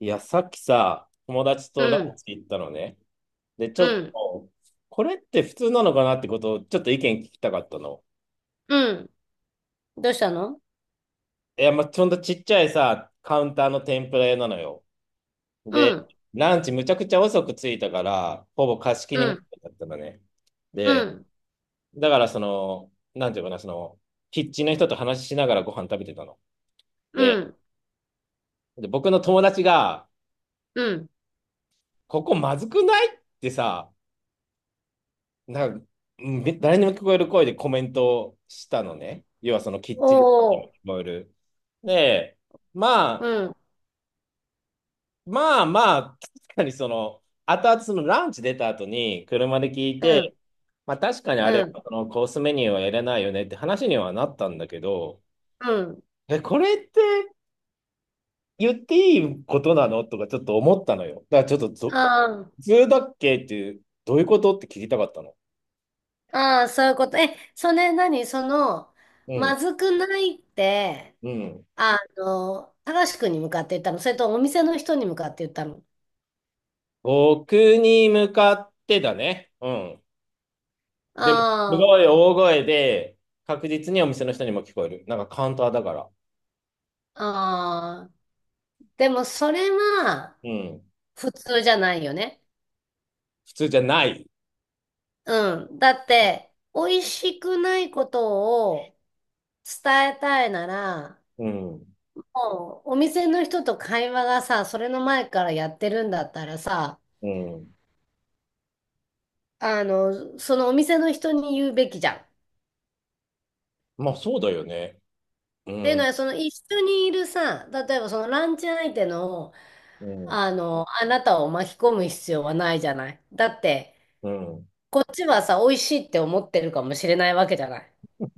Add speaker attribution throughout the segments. Speaker 1: いや、さっきさ、友達
Speaker 2: う
Speaker 1: とラン
Speaker 2: ん、
Speaker 1: チ行ったのね。で、ち
Speaker 2: う
Speaker 1: ょっ
Speaker 2: ん、
Speaker 1: と、これって普通なのかなってことを、ちょっと意見聞きたかったの。
Speaker 2: うん。どうしたの？
Speaker 1: いや、まあ、ほんとちっちゃいさ、カウンターの天ぷら屋なのよ。
Speaker 2: う
Speaker 1: で、
Speaker 2: ん、
Speaker 1: ランチむちゃくちゃ遅く着いたから、ほぼ貸し切
Speaker 2: う
Speaker 1: りみた
Speaker 2: ん、
Speaker 1: いだったのね。
Speaker 2: う
Speaker 1: で、
Speaker 2: ん、
Speaker 1: だからその、なんていうかな、その、キッチンの人と話しながらご飯食べてたの。
Speaker 2: う
Speaker 1: で、
Speaker 2: ん、
Speaker 1: 僕の友達が、
Speaker 2: うん。
Speaker 1: ここまずくないってさ、なんか、うん誰にも聞こえる声でコメントをしたのね。要はそのキッチン
Speaker 2: お
Speaker 1: に
Speaker 2: ー、
Speaker 1: も聞こえる。で、ま
Speaker 2: う
Speaker 1: あ、
Speaker 2: ん、
Speaker 1: まあまあ、確かにその、後々そのランチ出た後に車で聞い
Speaker 2: う
Speaker 1: て、
Speaker 2: ん、
Speaker 1: まあ確かにあ
Speaker 2: う
Speaker 1: れ
Speaker 2: ん、
Speaker 1: はそのコースメニューはやれないよねって話にはなったんだけど、
Speaker 2: うん。
Speaker 1: え、これって言っていいことなのとかちょっと思ったのよ。だからちょっと
Speaker 2: あ
Speaker 1: 普通だっけっていう、どういうことって聞きたかったの。
Speaker 2: あ、ああ、そういうこと。え、それ何？
Speaker 1: う
Speaker 2: ま
Speaker 1: ん、
Speaker 2: ずくないって、
Speaker 1: うん。
Speaker 2: 高しくんに向かって言ったの？それとお店の人に向かって言ったの？
Speaker 1: 僕に向かってだね。うん。でも、す
Speaker 2: あ
Speaker 1: ごい大声で、確実にお店の人にも聞こえる。なんかカウンターだから。
Speaker 2: あ、ああ。でもそれは
Speaker 1: うん。
Speaker 2: 普通じゃないよね。
Speaker 1: 普通じゃない。
Speaker 2: うん。だって、美味しくないことを、伝えたいなら、
Speaker 1: うん。
Speaker 2: もうお店の人と会話がさ、それの前からやってるんだったらさ、
Speaker 1: うん。
Speaker 2: そのお店の人に言うべきじゃん。っ
Speaker 1: まあ、そうだよね。う
Speaker 2: ていうの
Speaker 1: ん。
Speaker 2: は、その一緒にいるさ、例えばそのランチ相手の、
Speaker 1: うん。
Speaker 2: あなたを巻き込む必要はないじゃない。だって、
Speaker 1: うん。
Speaker 2: こっちはさ、美味しいって思ってるかもしれないわけじゃない。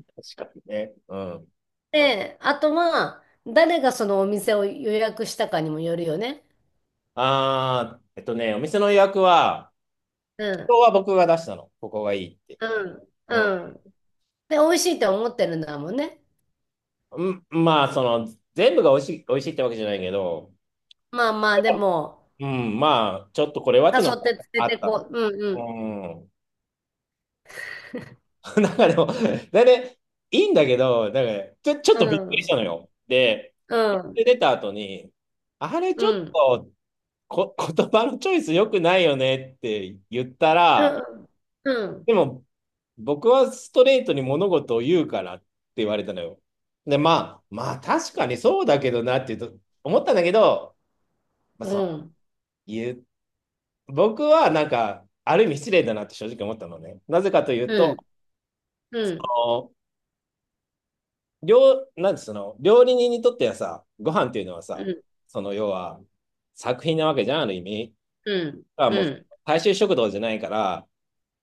Speaker 1: 確かにね。うん。
Speaker 2: で、あとは、誰がそのお店を予約したかにもよるよね。
Speaker 1: あー、お店の予約は、
Speaker 2: うん、
Speaker 1: 今日は僕が出したの。ここがいいって。
Speaker 2: うん、
Speaker 1: うん。
Speaker 2: うん。で、美味しいって思ってるんだもんね。
Speaker 1: うん、まあ、その、全部が美味しい、美味しいってわけじゃないけど、
Speaker 2: まあまあ、でも、
Speaker 1: うん、まあ、ちょっとこれはっ
Speaker 2: 誘
Speaker 1: ていうのが
Speaker 2: って連れ
Speaker 1: あっ
Speaker 2: て
Speaker 1: た
Speaker 2: こ
Speaker 1: の。
Speaker 2: う。う
Speaker 1: う
Speaker 2: ん
Speaker 1: ん。なんかでも、だね、いいんだけど、なんかちょ、ちょっ
Speaker 2: う
Speaker 1: とびっくりした
Speaker 2: ん。
Speaker 1: のよ。で、
Speaker 2: うん。うん。
Speaker 1: 出た後に、あれ
Speaker 2: う
Speaker 1: ちょっ
Speaker 2: ん。
Speaker 1: と言葉のチョイス良くないよねって言った
Speaker 2: う
Speaker 1: ら、
Speaker 2: んうん。
Speaker 1: でも、僕はストレートに物事を言うからって言われたのよ。で、まあ、まあ確かにそうだけどなって言うと思ったんだけど、まあ、
Speaker 2: う
Speaker 1: その、
Speaker 2: ん。
Speaker 1: 言う僕はなんか、ある意味失礼だなって正直思ったのね。なぜかという
Speaker 2: う
Speaker 1: と、
Speaker 2: ん。うん。
Speaker 1: なんてその、料理人にとってはさ、ご飯っていうのは
Speaker 2: う
Speaker 1: さ、
Speaker 2: ん。
Speaker 1: その要は作品なわけじゃん、ある意味。
Speaker 2: うん。
Speaker 1: あ、も
Speaker 2: う
Speaker 1: う
Speaker 2: ん。
Speaker 1: 大衆食堂じゃないから、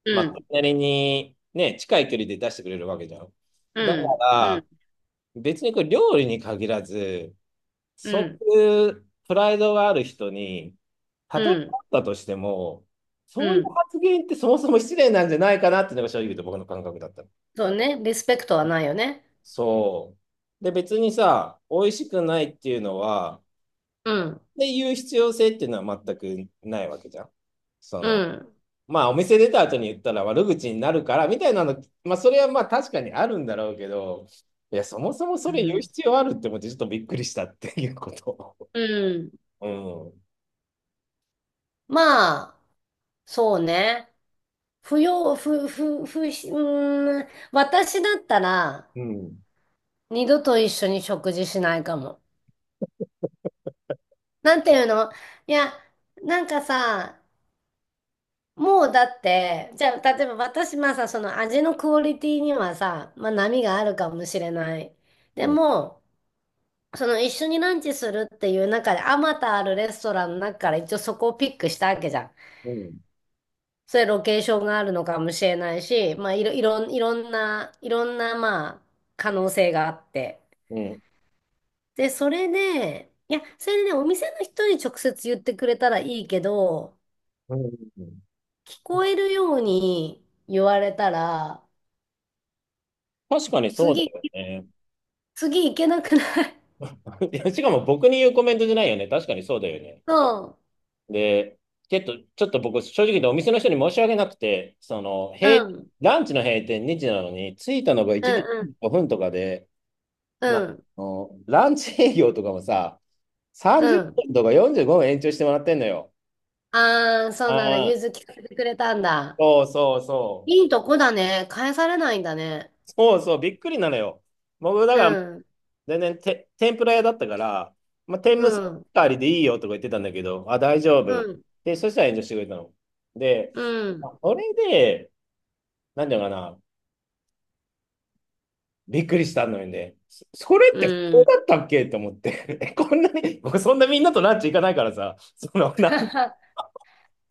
Speaker 2: う
Speaker 1: まあ、そ
Speaker 2: ん。
Speaker 1: れなりにね、近い距離で出してくれるわけじゃん。
Speaker 2: う
Speaker 1: だか
Speaker 2: ん。う
Speaker 1: ら、
Speaker 2: ん。
Speaker 1: 別にこれ料理に限らず、
Speaker 2: う
Speaker 1: そ
Speaker 2: ん。
Speaker 1: ういうプライドがある人に、た
Speaker 2: う
Speaker 1: とえ
Speaker 2: ん。
Speaker 1: あったとしても、
Speaker 2: う
Speaker 1: そういう
Speaker 2: ん。
Speaker 1: 発言ってそもそも失礼なんじゃないかなっていうのが正直言うと僕の感覚だったの。
Speaker 2: そうね。リスペクトはないよね。
Speaker 1: そう。で、別にさ、美味しくないっていうのは、
Speaker 2: うん。
Speaker 1: っていう必要性っていうのは全くないわけじゃん。そ
Speaker 2: う
Speaker 1: の、
Speaker 2: ん。
Speaker 1: まあお店出た後に言ったら悪口になるからみたいなの、まあそれはまあ確かにあるんだろうけど、いや、そもそも
Speaker 2: う
Speaker 1: それ言う
Speaker 2: ん。
Speaker 1: 必要あるって思ってちょっとびっくりしたっていうこと。
Speaker 2: うん。まあ、そうね。不要、不、不、不、うーん。私だったら、
Speaker 1: うん。うん。
Speaker 2: 二度と一緒に食事しないかも。なんていうの？いや、なんかさ、もうだって、じゃあ、例えば私、まあさ、その味のクオリティにはさ、まあ波があるかもしれない。
Speaker 1: う
Speaker 2: で
Speaker 1: ん。
Speaker 2: も、その一緒にランチするっていう中で、あまたあるレストランの中から一応そこをピックしたわけじゃん。
Speaker 1: うん。
Speaker 2: それロケーションがあるのかもしれないし、まあいろんな、まあ、可能性があって。
Speaker 1: うん。
Speaker 2: で、それで、いや、それでね、お店の人に直接言ってくれたらいいけど、
Speaker 1: うんうん
Speaker 2: 聞こえるように言われたら、
Speaker 1: 確かにそうだ
Speaker 2: 次、
Speaker 1: よね。
Speaker 2: 次行けなくない？
Speaker 1: いや、しかも僕に言うコメントじゃないよね。確かにそうだよね。
Speaker 2: そ
Speaker 1: で、ちょっと僕、正直言ってお店の人に申し訳なくて、その、
Speaker 2: う。うん。
Speaker 1: ランチの閉店2時なのに、着いたのが
Speaker 2: うん
Speaker 1: 1時
Speaker 2: うん。
Speaker 1: 5分とかで、
Speaker 2: う
Speaker 1: あ
Speaker 2: ん。
Speaker 1: の、ランチ営業とかもさ、
Speaker 2: う
Speaker 1: 30
Speaker 2: ん。
Speaker 1: 分とか45分延長してもらってんのよ。
Speaker 2: ああ、そ
Speaker 1: あ
Speaker 2: うなんだ。融
Speaker 1: あ、
Speaker 2: 通聞かせてくれたんだ。
Speaker 1: そうそうそ
Speaker 2: いいとこだね。返されないんだね。
Speaker 1: う。そうそう、びっくりなのよ。僕、だ
Speaker 2: う
Speaker 1: から、
Speaker 2: ん。
Speaker 1: 全然て、天ぷら屋だったから、まあ、天
Speaker 2: う
Speaker 1: むす
Speaker 2: ん。
Speaker 1: ありでいいよとか言ってたんだけど、あ、大丈
Speaker 2: う
Speaker 1: 夫。
Speaker 2: ん。
Speaker 1: で、そしたら炎上してくれたの。で、
Speaker 2: うん。
Speaker 1: あそれで、なんていうのかな、びっくりしたのよね。それって
Speaker 2: う
Speaker 1: そう
Speaker 2: ん。
Speaker 1: だったっけと思って。こんなに、僕そんなみんなとランチ行かないからさ、そのな、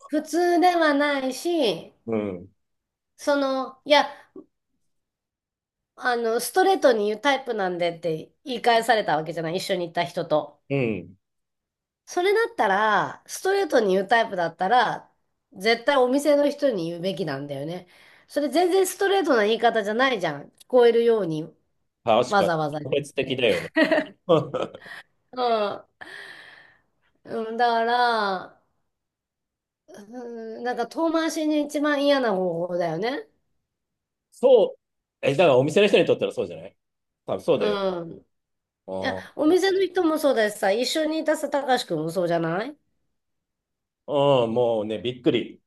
Speaker 2: 普通ではないし、
Speaker 1: うん、
Speaker 2: いや、ストレートに言うタイプなんでって言い返されたわけじゃない。一緒に行った人と。
Speaker 1: うん、
Speaker 2: それだったら、ストレートに言うタイプだったら、絶対お店の人に言うべきなんだよね。それ全然ストレートな言い方じゃないじゃん。聞こえるように
Speaker 1: 確
Speaker 2: わ
Speaker 1: かに、
Speaker 2: ざわざ言
Speaker 1: 特
Speaker 2: っ
Speaker 1: 別的
Speaker 2: て。
Speaker 1: だよね。
Speaker 2: うん。うん、だから、うん、なんか遠回しに一番嫌な方法だよね。
Speaker 1: そう、だからお店の人にとったらそうじゃない、多分そうだよ。
Speaker 2: うん。いや、
Speaker 1: あ
Speaker 2: お店の人もそうだしさ、一緒にいたさ、たかしくんもそうじゃない？
Speaker 1: あうんもうね、びっくり。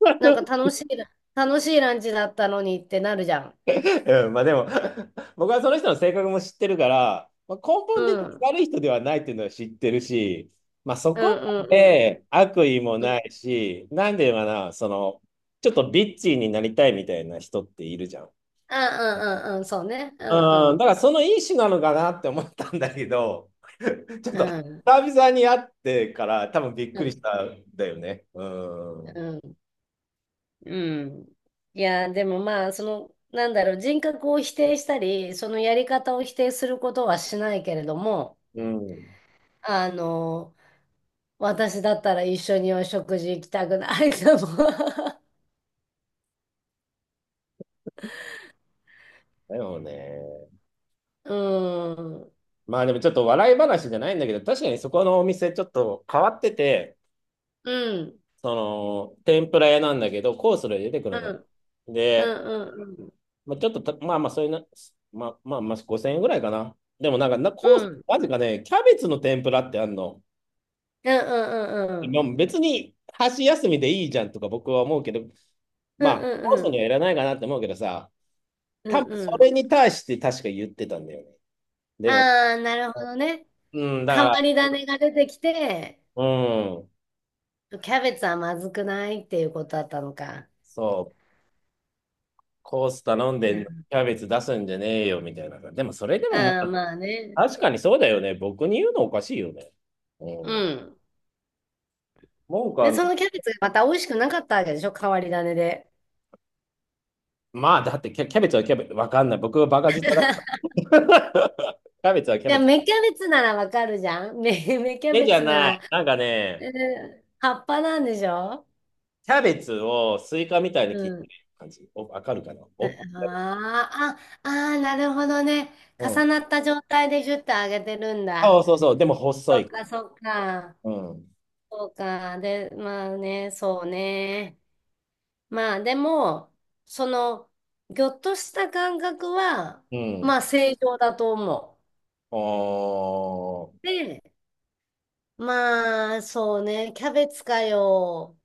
Speaker 2: なんか楽しいランチだったのにってなるじゃん。
Speaker 1: うん、まあでも 僕はその人の性格も知ってるから、まあ、根
Speaker 2: う
Speaker 1: 本的
Speaker 2: ん。
Speaker 1: に
Speaker 2: うん
Speaker 1: 悪い人ではないっていうのは知ってるし、まあそ
Speaker 2: う
Speaker 1: こま
Speaker 2: んうん。
Speaker 1: で悪意もないし、なんで言うのかな、その、ちょっとビッチーになりたいみたいな人っているじゃん。
Speaker 2: うんうんうん、そうね。う
Speaker 1: うん、だか
Speaker 2: ん
Speaker 1: らそのいい種なのかなって思ったんだけど、ちょっ
Speaker 2: う
Speaker 1: と
Speaker 2: ん。う
Speaker 1: 久
Speaker 2: ん
Speaker 1: 々に会ってから多分びっ
Speaker 2: う
Speaker 1: くりし
Speaker 2: ん
Speaker 1: たんだよね。うん。
Speaker 2: うん。うん。いや、でもまあ、なんだろう、人格を否定したり、そのやり方を否定することはしないけれども、
Speaker 1: うん。
Speaker 2: あの、私だったら一緒にお食事行きたくないかも。
Speaker 1: だよね。
Speaker 2: うん。
Speaker 1: まあでもちょっと笑い話じゃないんだけど、確かにそこのお店ちょっと変わってて、
Speaker 2: うん。
Speaker 1: その、天ぷら屋なんだけど、コースで出てく
Speaker 2: う
Speaker 1: るの。
Speaker 2: ん。う
Speaker 1: で、
Speaker 2: んうんうん。
Speaker 1: まあ、ちょっとた、まあまあ、そういうな、まあまあ、まあ、5000円ぐらいかな。でもなんか、コース、
Speaker 2: うん。
Speaker 1: なぜかね、キャベツの天ぷらってあんの。
Speaker 2: うんうんうんう
Speaker 1: ま
Speaker 2: ん。
Speaker 1: あ別に、箸休みでいいじゃんとか僕は思うけど、
Speaker 2: う
Speaker 1: ま
Speaker 2: ん
Speaker 1: あ、
Speaker 2: う
Speaker 1: コー
Speaker 2: ん
Speaker 1: ス
Speaker 2: う
Speaker 1: には
Speaker 2: ん。
Speaker 1: いらないかなって思うけどさ、
Speaker 2: う
Speaker 1: 多
Speaker 2: んう
Speaker 1: 分
Speaker 2: んうんうんうん
Speaker 1: そ
Speaker 2: うん。
Speaker 1: れに対して確か言ってたんだよね。でも、
Speaker 2: ああ、なるほどね。
Speaker 1: うん、だか
Speaker 2: 変わ
Speaker 1: ら、
Speaker 2: り種が出てきて、
Speaker 1: うん、
Speaker 2: キャベツはまずくないっていうことだったのか。
Speaker 1: そう、コース頼んで
Speaker 2: う
Speaker 1: んの
Speaker 2: ん。
Speaker 1: キャベツ出すんじゃねえよみたいな。でも、それでもも
Speaker 2: ああ、まあね。
Speaker 1: 確かにそうだよね。僕に言うのおかしいよね。う
Speaker 2: う
Speaker 1: ん。
Speaker 2: ん。
Speaker 1: 文句は
Speaker 2: で、
Speaker 1: な、
Speaker 2: そのキャベツがまた美味しくなかったわけでしょ？変わり種で。
Speaker 1: まあ、だってキャベツはキャベツ、わかんない。僕はバカ舌だ。キャベツはキャ
Speaker 2: じゃ
Speaker 1: ベ
Speaker 2: あ、
Speaker 1: ツ。
Speaker 2: 芽キャベツならわかるじゃん。芽キャ
Speaker 1: 目
Speaker 2: ベ
Speaker 1: じゃ
Speaker 2: ツな
Speaker 1: な
Speaker 2: ら、
Speaker 1: い。なんか
Speaker 2: え
Speaker 1: ね、
Speaker 2: 葉っぱなんでしょ？
Speaker 1: キャベツをスイカみたいに
Speaker 2: う
Speaker 1: 切って
Speaker 2: ん。
Speaker 1: る感じ。お、わかるかなお、
Speaker 2: ああ、ああ、なるほどね。
Speaker 1: う
Speaker 2: 重
Speaker 1: ん。
Speaker 2: なった状態でギュッと揚げてるん
Speaker 1: そ
Speaker 2: だ。
Speaker 1: うそうそう。でも
Speaker 2: そ
Speaker 1: 細
Speaker 2: っ
Speaker 1: い。
Speaker 2: か、そっか。
Speaker 1: うん。
Speaker 2: そうか。で、まあね、そうね。まあでも、その、ぎょっとした感覚は、
Speaker 1: うん。
Speaker 2: まあ正常だと思
Speaker 1: おー。
Speaker 2: う。で、まあそうね、キャベツかよ。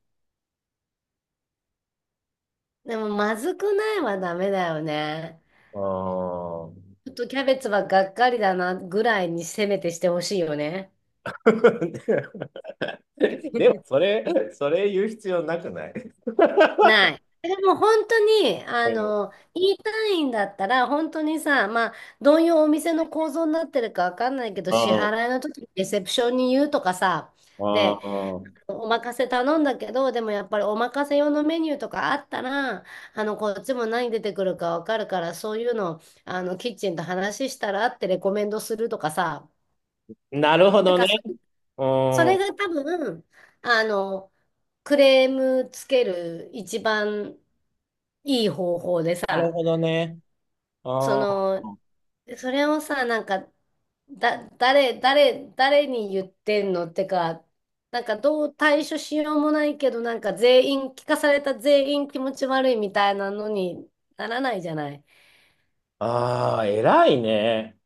Speaker 2: でもまずくないはダメだよね。
Speaker 1: おー
Speaker 2: ちょっとキャベツはがっかりだなぐらいにせめてしてほしいよね。
Speaker 1: でも、それ言う必要なくない？
Speaker 2: ない。でも本当に、
Speaker 1: うん。
Speaker 2: 言いたいんだったら、本当にさ、まあ、どういうお店の構造になってるかわかんないけど、
Speaker 1: う
Speaker 2: 支
Speaker 1: ん。
Speaker 2: 払いの時にレセプションに言うとかさ、
Speaker 1: う
Speaker 2: で、
Speaker 1: ん。
Speaker 2: お任せ頼んだけど、でもやっぱりお任せ用のメニューとかあったら、こっちも何出てくるかわかるから、そういうの、キッチンと話したらってレコメンドするとかさ、
Speaker 1: なるほ
Speaker 2: なん
Speaker 1: どね。
Speaker 2: か
Speaker 1: う
Speaker 2: それ
Speaker 1: ん。
Speaker 2: が多分、あの、クレームつける一番いい方法で
Speaker 1: なる
Speaker 2: さ、
Speaker 1: ほどね。
Speaker 2: そ
Speaker 1: あ
Speaker 2: の、でそれをさ、なんか、だ、誰、誰、誰に言ってんのってか、なんかどう対処しようもないけど、なんか全員、聞かされた全員気持ち悪いみたいなのにならないじゃない。
Speaker 1: あー、偉いね。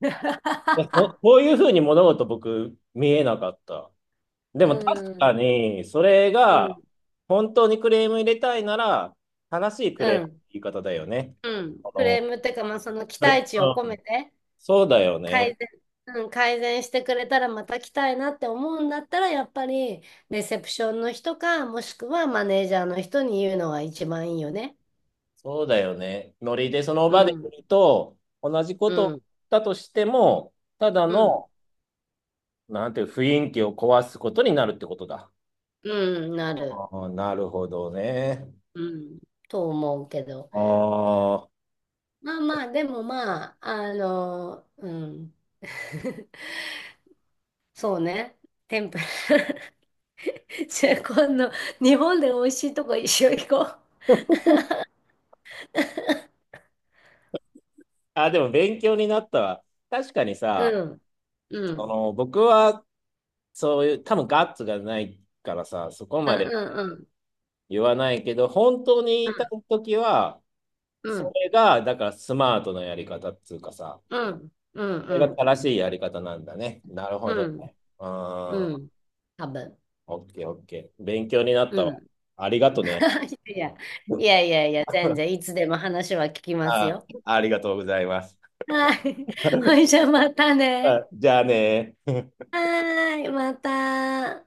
Speaker 1: いやここういうふうに物事僕見えなかった。で
Speaker 2: う
Speaker 1: も確か
Speaker 2: ん、
Speaker 1: に、それ
Speaker 2: う
Speaker 1: が
Speaker 2: ん、
Speaker 1: 本当にクレーム入れたいなら、正しい
Speaker 2: う
Speaker 1: クレームの
Speaker 2: ん、
Speaker 1: 言い方だよね。
Speaker 2: うん。
Speaker 1: あ
Speaker 2: クレ
Speaker 1: の、
Speaker 2: ームってか、まあ、その期
Speaker 1: それ、う
Speaker 2: 待値を込め
Speaker 1: ん
Speaker 2: て
Speaker 1: そうだよ
Speaker 2: 改
Speaker 1: ね。
Speaker 2: 善、うん、改善してくれたらまた来たいなって思うんだったら、やっぱりレセプションの人か、もしくはマネージャーの人に言うのが一番いいよね。
Speaker 1: そうだよね。ノリでその
Speaker 2: う
Speaker 1: 場で
Speaker 2: ん、
Speaker 1: 言うと、同じこ
Speaker 2: う
Speaker 1: と
Speaker 2: ん。
Speaker 1: だとしても、ただ
Speaker 2: うん、
Speaker 1: の、なんていう雰囲気を壊すことになるってことだ。
Speaker 2: うん、なる。
Speaker 1: ああ、なるほどね。
Speaker 2: うん、と思うけど。
Speaker 1: あ
Speaker 2: まあまあ、でもまあ、うん。そうね。天ぷら。じゃあ今度、日本で美味しいとこ一緒行こう。
Speaker 1: あ、あ、でも勉強になったわ。確かにさ、
Speaker 2: うん、う
Speaker 1: そ
Speaker 2: ん、
Speaker 1: の僕はそういう、多分ガッツがないからさ、そこ
Speaker 2: う
Speaker 1: まで
Speaker 2: ん、うん、
Speaker 1: 言わないけど、本当に言
Speaker 2: うん、
Speaker 1: いたいときは、
Speaker 2: う
Speaker 1: そ
Speaker 2: ん、
Speaker 1: れが、だからスマートなやり方っつうかさ、
Speaker 2: うん、うん、
Speaker 1: それ
Speaker 2: う
Speaker 1: が
Speaker 2: ん、
Speaker 1: 正しいやり方なんだね。なるほ
Speaker 2: う
Speaker 1: ど
Speaker 2: ん、
Speaker 1: ね。うん、
Speaker 2: うん、多分。
Speaker 1: オッケーオッケー。勉強になった
Speaker 2: う
Speaker 1: わ。
Speaker 2: ん。
Speaker 1: ありがとね。
Speaker 2: いや、いやいやいや、全然い つでも話は聞きます
Speaker 1: あ、
Speaker 2: よ。
Speaker 1: ありがとうございます。
Speaker 2: はい。ほいじゃあまたね。
Speaker 1: あ、じゃあね。
Speaker 2: はーい、また。